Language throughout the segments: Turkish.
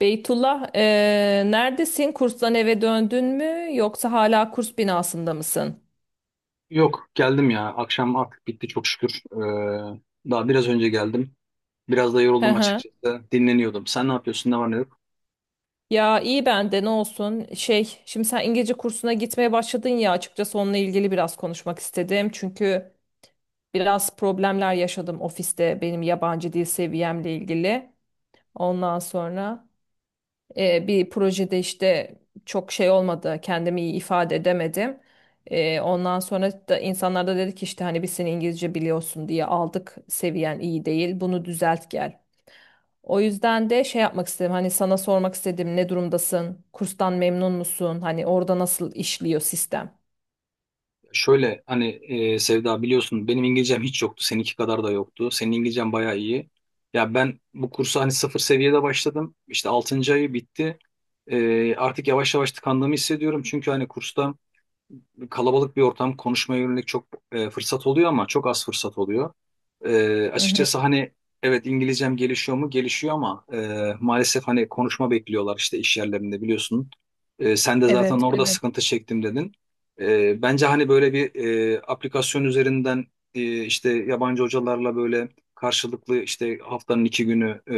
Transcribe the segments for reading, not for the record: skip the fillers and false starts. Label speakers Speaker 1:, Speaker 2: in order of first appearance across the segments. Speaker 1: Beytullah, neredesin? Kurstan eve döndün mü? Yoksa hala kurs binasında mısın?
Speaker 2: Yok geldim ya. Akşam artık bitti çok şükür. Daha biraz önce geldim. Biraz da
Speaker 1: Hı
Speaker 2: yoruldum
Speaker 1: hı.
Speaker 2: açıkçası. Dinleniyordum. Sen ne yapıyorsun? Ne var ne yok?
Speaker 1: Ya iyi ben de ne olsun. Şimdi sen İngilizce kursuna gitmeye başladın ya. Açıkçası onunla ilgili biraz konuşmak istedim. Çünkü biraz problemler yaşadım ofiste benim yabancı dil seviyemle ilgili. Ondan sonra. Bir projede işte çok şey olmadı, kendimi iyi ifade edemedim. Ondan sonra da insanlar da dedi ki işte hani biz seni İngilizce biliyorsun diye aldık, seviyen iyi değil, bunu düzelt gel. O yüzden de şey yapmak istedim hani sana sormak istedim ne durumdasın, kurstan memnun musun, hani orada nasıl işliyor sistem?
Speaker 2: Şöyle hani Sevda, biliyorsun benim İngilizcem hiç yoktu. Seninki kadar da yoktu. Senin İngilizcen bayağı iyi. Ya ben bu kursa hani sıfır seviyede başladım. İşte altıncı ayı bitti. Artık yavaş yavaş tıkandığımı hissediyorum. Çünkü hani kursta kalabalık bir ortam, konuşmaya yönelik çok fırsat oluyor ama çok az fırsat oluyor.
Speaker 1: Hı hı.
Speaker 2: Açıkçası hani evet, İngilizcem gelişiyor mu? Gelişiyor ama maalesef hani konuşma bekliyorlar işte iş yerlerinde, biliyorsun. Sen de zaten
Speaker 1: Evet,
Speaker 2: orada
Speaker 1: evet.
Speaker 2: sıkıntı çektim dedin. Bence hani böyle bir aplikasyon üzerinden işte yabancı hocalarla böyle karşılıklı, işte haftanın 2 günü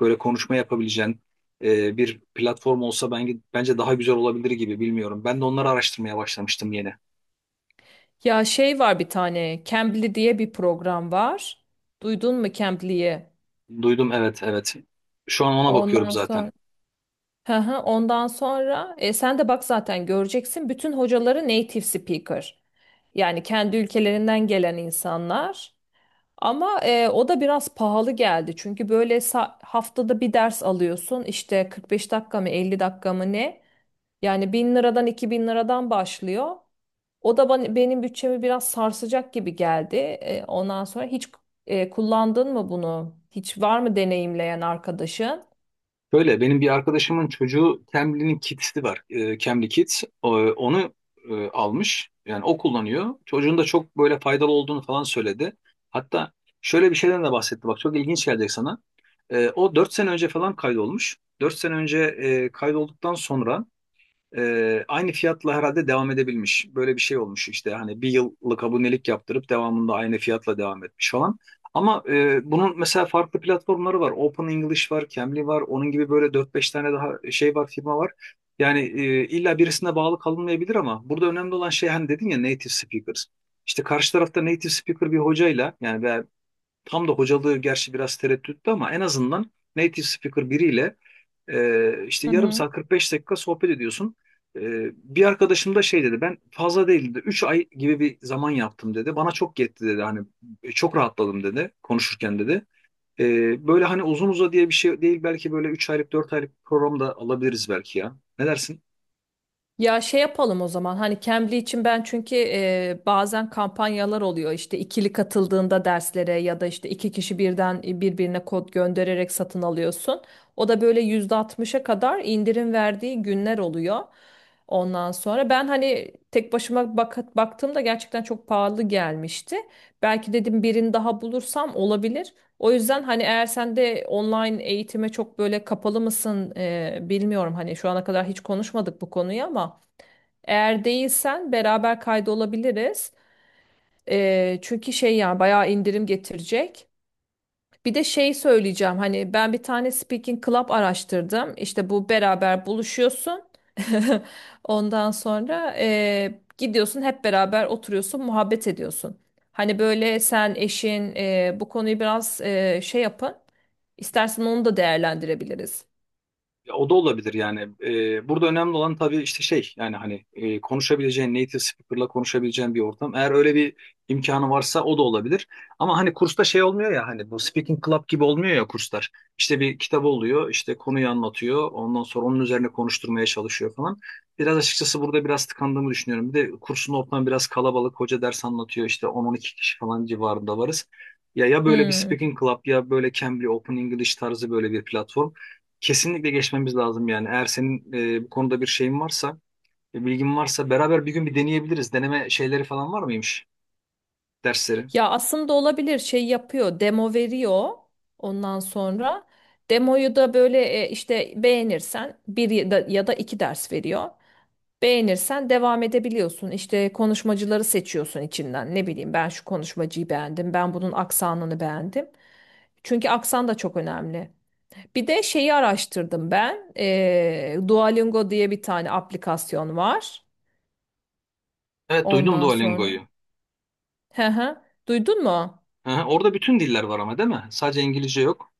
Speaker 2: böyle konuşma yapabileceğin bir platform olsa, ben, bence daha güzel olabilir gibi, bilmiyorum. Ben de onları araştırmaya başlamıştım yeni.
Speaker 1: Ya şey var bir tane, Cambly diye bir program var. Duydun mu Cambly'yi?
Speaker 2: Duydum, evet, evet. Şu an ona bakıyorum
Speaker 1: Ondan
Speaker 2: zaten.
Speaker 1: sonra, hı hı, ondan sonra sen de bak zaten göreceksin bütün hocaları native speaker. Yani kendi ülkelerinden gelen insanlar. Ama o da biraz pahalı geldi. Çünkü böyle haftada bir ders alıyorsun. İşte 45 dakika mı 50 dakika mı ne? Yani 1000 liradan 2000 liradan başlıyor. O da bana, benim bütçemi biraz sarsacak gibi geldi. Ondan sonra hiç kullandın mı bunu? Hiç var mı deneyimleyen arkadaşın?
Speaker 2: Böyle benim bir arkadaşımın çocuğu, Cambly'nin Kids'i var. Cambly Kids. Onu almış. Yani o kullanıyor. Çocuğun da çok böyle faydalı olduğunu falan söyledi. Hatta şöyle bir şeyden de bahsetti. Bak, çok ilginç gelecek sana. O 4 sene önce falan kaydolmuş. 4 sene önce kaydolduktan sonra aynı fiyatla herhalde devam edebilmiş. Böyle bir şey olmuş işte, hani bir yıllık abonelik yaptırıp devamında aynı fiyatla devam etmiş falan. Ama bunun mesela farklı platformları var. Open English var, Cambly var. Onun gibi böyle dört beş tane daha şey var, firma var. Yani illa birisine bağlı kalınmayabilir ama burada önemli olan şey, hani dedin ya, native speakers. İşte karşı tarafta native speaker bir hocayla yani tam da hocalığı gerçi biraz tereddütlü ama en azından native speaker biriyle işte
Speaker 1: Hı
Speaker 2: yarım
Speaker 1: hı.
Speaker 2: saat, 45 dakika sohbet ediyorsun. E, Bir arkadaşım da şey dedi, ben fazla değildi 3 ay gibi bir zaman yaptım dedi. Bana çok yetti dedi, hani çok rahatladım dedi konuşurken dedi. Böyle hani uzun uza diye bir şey değil, belki böyle 3 aylık, 4 aylık program da alabiliriz belki ya. Ne dersin?
Speaker 1: Ya şey yapalım o zaman hani Cambly için ben çünkü bazen kampanyalar oluyor işte ikili katıldığında derslere ya da işte iki kişi birden birbirine kod göndererek satın alıyorsun. O da böyle %60'a kadar indirim verdiği günler oluyor. Ondan sonra ben hani tek başıma bak baktığımda gerçekten çok pahalı gelmişti. Belki dedim birini daha bulursam olabilir. O yüzden hani eğer sen de online eğitime çok böyle kapalı mısın bilmiyorum. Hani şu ana kadar hiç konuşmadık bu konuyu ama eğer değilsen beraber kaydolabiliriz. Çünkü şey yani bayağı indirim getirecek. Bir de şey söyleyeceğim hani ben bir tane speaking club araştırdım. İşte bu beraber buluşuyorsun. Ondan sonra gidiyorsun hep beraber oturuyorsun muhabbet ediyorsun. Hani böyle sen eşin bu konuyu biraz şey yapın. İstersen onu da değerlendirebiliriz.
Speaker 2: Ya o da olabilir yani. Burada önemli olan tabii işte şey, yani hani konuşabileceğin, native speaker'la konuşabileceğin bir ortam. Eğer öyle bir imkanı varsa o da olabilir. Ama hani kursta şey olmuyor ya, hani bu speaking club gibi olmuyor ya kurslar. İşte bir kitap oluyor, işte konuyu anlatıyor, ondan sonra onun üzerine konuşturmaya çalışıyor falan. Biraz açıkçası burada biraz tıkandığımı düşünüyorum. Bir de kursun ortamı biraz kalabalık. Hoca ders anlatıyor, işte 10-12 kişi falan civarında varız. Ya ya böyle bir
Speaker 1: Hmm.
Speaker 2: speaking club, ya böyle Cambly, Open English tarzı böyle bir platform. Kesinlikle geçmemiz lazım yani. Eğer senin bu konuda bir şeyin varsa, bilgin varsa beraber bir gün bir deneyebiliriz. Deneme şeyleri falan var mıymış dersleri?
Speaker 1: Ya aslında olabilir şey yapıyor demo veriyor ondan sonra demoyu da böyle işte beğenirsen bir ya da iki ders veriyor. Beğenirsen devam edebiliyorsun işte konuşmacıları seçiyorsun içinden ne bileyim ben şu konuşmacıyı beğendim ben bunun aksanını beğendim. Çünkü aksan da çok önemli. Bir de şeyi araştırdım ben Duolingo diye bir tane aplikasyon var
Speaker 2: Evet, duydum
Speaker 1: ondan sonra.
Speaker 2: Duolingo'yu.
Speaker 1: Hı hı. Duydun mu?
Speaker 2: Aha, orada bütün diller var ama değil mi? Sadece İngilizce yok.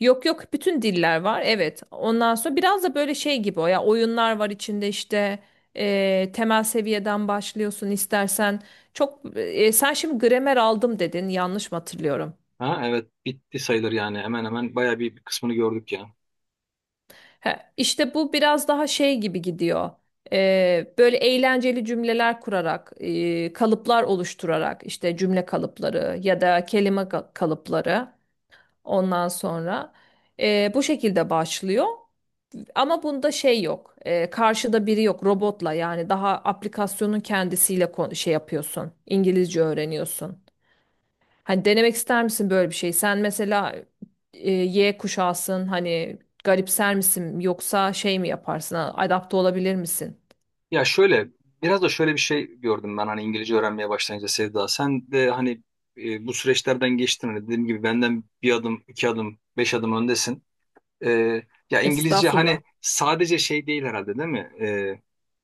Speaker 1: Yok yok bütün diller var evet ondan sonra biraz da böyle şey gibi o ya oyunlar var içinde işte temel seviyeden başlıyorsun istersen çok sen şimdi gramer aldım dedin yanlış mı hatırlıyorum?
Speaker 2: Ha, evet, bitti sayılır yani. Hemen hemen bayağı bir kısmını gördük ya.
Speaker 1: He, işte bu biraz daha şey gibi gidiyor. Böyle eğlenceli cümleler kurarak kalıplar oluşturarak işte cümle kalıpları ya da kalıpları ondan sonra bu şekilde başlıyor. Ama bunda şey yok. Karşıda biri yok robotla yani daha aplikasyonun kendisiyle şey yapıyorsun. İngilizce öğreniyorsun. Hani denemek ister misin böyle bir şey? Sen mesela Y kuşağısın hani garipser misin yoksa şey mi yaparsın? Ha, Adapte olabilir misin?
Speaker 2: Ya şöyle, biraz da şöyle bir şey gördüm ben hani İngilizce öğrenmeye başlayınca, Sevda. Sen de hani bu süreçlerden geçtin. Hani dediğim gibi benden bir adım, iki adım, beş adım öndesin. Ee, Ya İngilizce
Speaker 1: Estağfurullah.
Speaker 2: hani sadece şey değil herhalde, değil mi?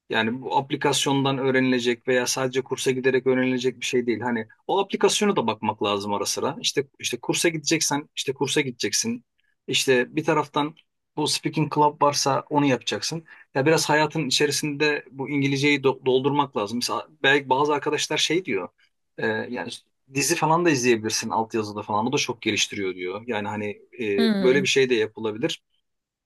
Speaker 2: Yani bu aplikasyondan öğrenilecek veya sadece kursa giderek öğrenilecek bir şey değil. Hani o aplikasyona da bakmak lazım ara sıra. İşte kursa gideceksen işte kursa gideceksin. İşte bir taraftan bu speaking club varsa onu yapacaksın. Ya biraz hayatın içerisinde bu İngilizceyi doldurmak lazım. Mesela belki bazı arkadaşlar şey diyor. Yani dizi falan da izleyebilirsin altyazıda falan. O da çok geliştiriyor diyor. Yani hani böyle
Speaker 1: Hmm.
Speaker 2: bir şey de yapılabilir.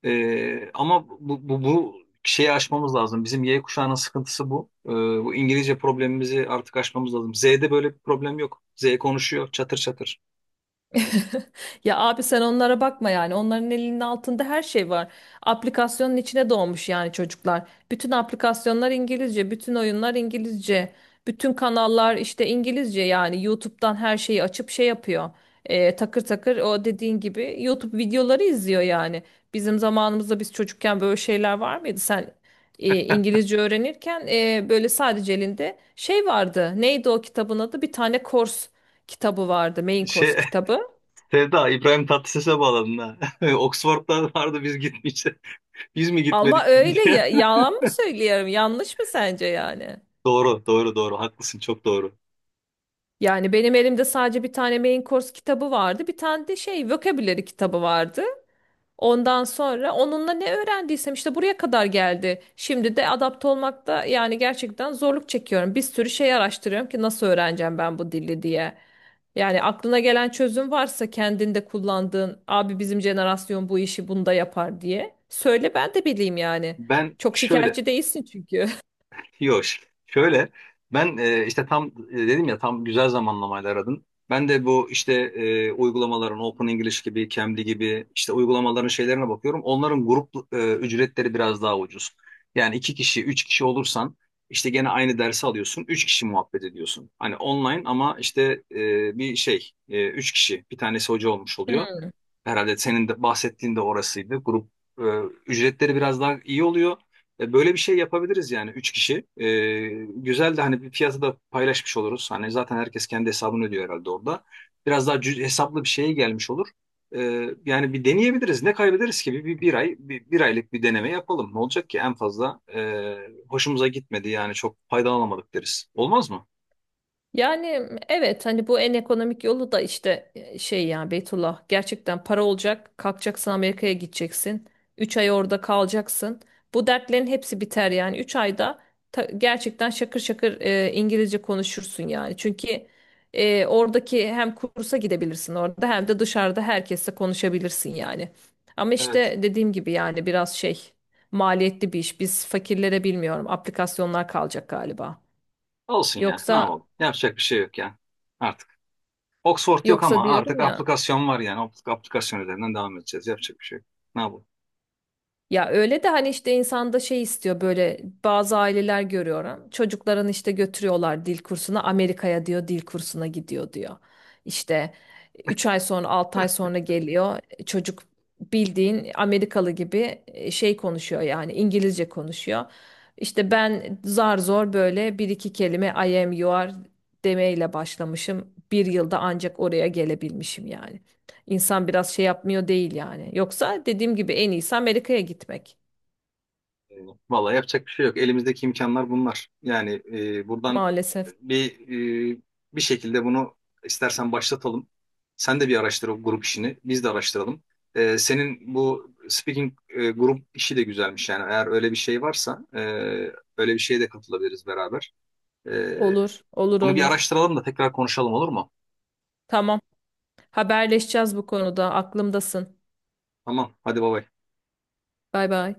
Speaker 2: Ama bu şeyi aşmamız lazım. Bizim Y kuşağının sıkıntısı bu. Bu İngilizce problemimizi artık aşmamız lazım. Z'de böyle bir problem yok. Z konuşuyor çatır çatır.
Speaker 1: Ya abi sen onlara bakma yani. Onların elinin altında her şey var. Aplikasyonun içine doğmuş yani çocuklar. Bütün aplikasyonlar İngilizce, bütün oyunlar İngilizce, bütün kanallar işte İngilizce yani YouTube'dan her şeyi açıp şey yapıyor. Takır takır o dediğin gibi YouTube videoları izliyor yani. Bizim zamanımızda biz çocukken böyle şeyler var mıydı? Sen İngilizce öğrenirken böyle sadece elinde şey vardı. Neydi o kitabın adı? Bir tane kors kitabı vardı. Main
Speaker 2: Şey,
Speaker 1: course kitabı.
Speaker 2: Sevda, İbrahim Tatlıses'e bağladın ha. Oxford'da vardı, biz gitmeyeceğiz. Biz mi
Speaker 1: Ama
Speaker 2: gitmedik diye.
Speaker 1: öyle ya, yalan mı söylüyorum? Yanlış mı sence yani?
Speaker 2: Doğru, doğru, doğru. Haklısın, çok doğru.
Speaker 1: Yani benim elimde sadece bir tane main course kitabı vardı. Bir tane de şey vocabulary kitabı vardı. Ondan sonra onunla ne öğrendiysem işte buraya kadar geldi. Şimdi de adapte olmakta yani gerçekten zorluk çekiyorum. Bir sürü şey araştırıyorum ki nasıl öğreneceğim ben bu dili diye. Yani aklına gelen çözüm varsa kendinde kullandığın abi bizim jenerasyon bu işi bunda yapar diye. Söyle ben de bileyim yani.
Speaker 2: Ben
Speaker 1: Çok
Speaker 2: şöyle,
Speaker 1: şikayetçi değilsin çünkü.
Speaker 2: yok. Şöyle ben işte tam dedim ya, tam güzel zamanlamayla aradın. Ben de bu işte uygulamaların, Open English gibi, Cambly gibi işte uygulamaların şeylerine bakıyorum. Onların grup ücretleri biraz daha ucuz. Yani iki kişi, üç kişi olursan işte gene aynı dersi alıyorsun. Üç kişi muhabbet ediyorsun. Hani online ama işte bir şey, üç kişi, bir tanesi hoca olmuş oluyor. Herhalde senin de bahsettiğin de orasıydı. Grup e, ücretleri biraz daha iyi oluyor. Böyle bir şey yapabiliriz yani, üç kişi. Güzel de hani bir fiyatı da paylaşmış oluruz. Hani zaten herkes kendi hesabını ödüyor herhalde orada. Biraz daha hesaplı bir şeye gelmiş olur. E, Yani bir deneyebiliriz. Ne kaybederiz ki? Bir ay, bir aylık bir deneme yapalım. Ne olacak ki? En fazla hoşumuza gitmedi, yani çok faydalanamadık deriz. Olmaz mı?
Speaker 1: Yani evet hani bu en ekonomik yolu da işte şey ya Beytullah gerçekten para olacak kalkacaksın Amerika'ya gideceksin 3 ay orada kalacaksın bu dertlerin hepsi biter yani 3 ayda gerçekten şakır şakır İngilizce konuşursun yani çünkü oradaki hem kursa gidebilirsin orada hem de dışarıda herkesle konuşabilirsin yani ama
Speaker 2: Evet.
Speaker 1: işte dediğim gibi yani biraz şey maliyetli bir iş biz fakirlere bilmiyorum aplikasyonlar kalacak galiba
Speaker 2: Olsun ya. Ne
Speaker 1: yoksa
Speaker 2: yapalım? Yapacak bir şey yok ya. Artık. Oxford yok
Speaker 1: Yoksa
Speaker 2: ama artık
Speaker 1: diyorum ya
Speaker 2: aplikasyon var yani. Aplikasyon üzerinden devam edeceğiz. Yapacak bir şey yok. Ne yapalım?
Speaker 1: Ya öyle de hani işte insanda şey istiyor böyle bazı aileler görüyorum. Çocuklarını işte götürüyorlar dil kursuna Amerika'ya diyor dil kursuna gidiyor diyor. İşte 3 ay sonra altı ay sonra geliyor çocuk bildiğin Amerikalı gibi şey konuşuyor yani İngilizce konuşuyor. İşte ben zar zor böyle bir iki kelime I am you are demeyle başlamışım. Bir yılda ancak oraya gelebilmişim yani. İnsan biraz şey yapmıyor değil yani. Yoksa dediğim gibi en iyisi Amerika'ya gitmek.
Speaker 2: Eyvallah. Vallahi yapacak bir şey yok. Elimizdeki imkanlar bunlar. Yani buradan
Speaker 1: Maalesef.
Speaker 2: bir e, bir şekilde bunu istersen başlatalım. Sen de bir araştır o grup işini. Biz de araştıralım. Senin bu speaking grup işi de güzelmiş yani. Eğer öyle bir şey varsa öyle bir şeye de katılabiliriz beraber. E,
Speaker 1: Olur, olur,
Speaker 2: Bunu bir
Speaker 1: olur.
Speaker 2: araştıralım da tekrar konuşalım, olur mu?
Speaker 1: Tamam. Haberleşeceğiz bu konuda. Aklımdasın.
Speaker 2: Tamam. Hadi baba.
Speaker 1: Bay bay.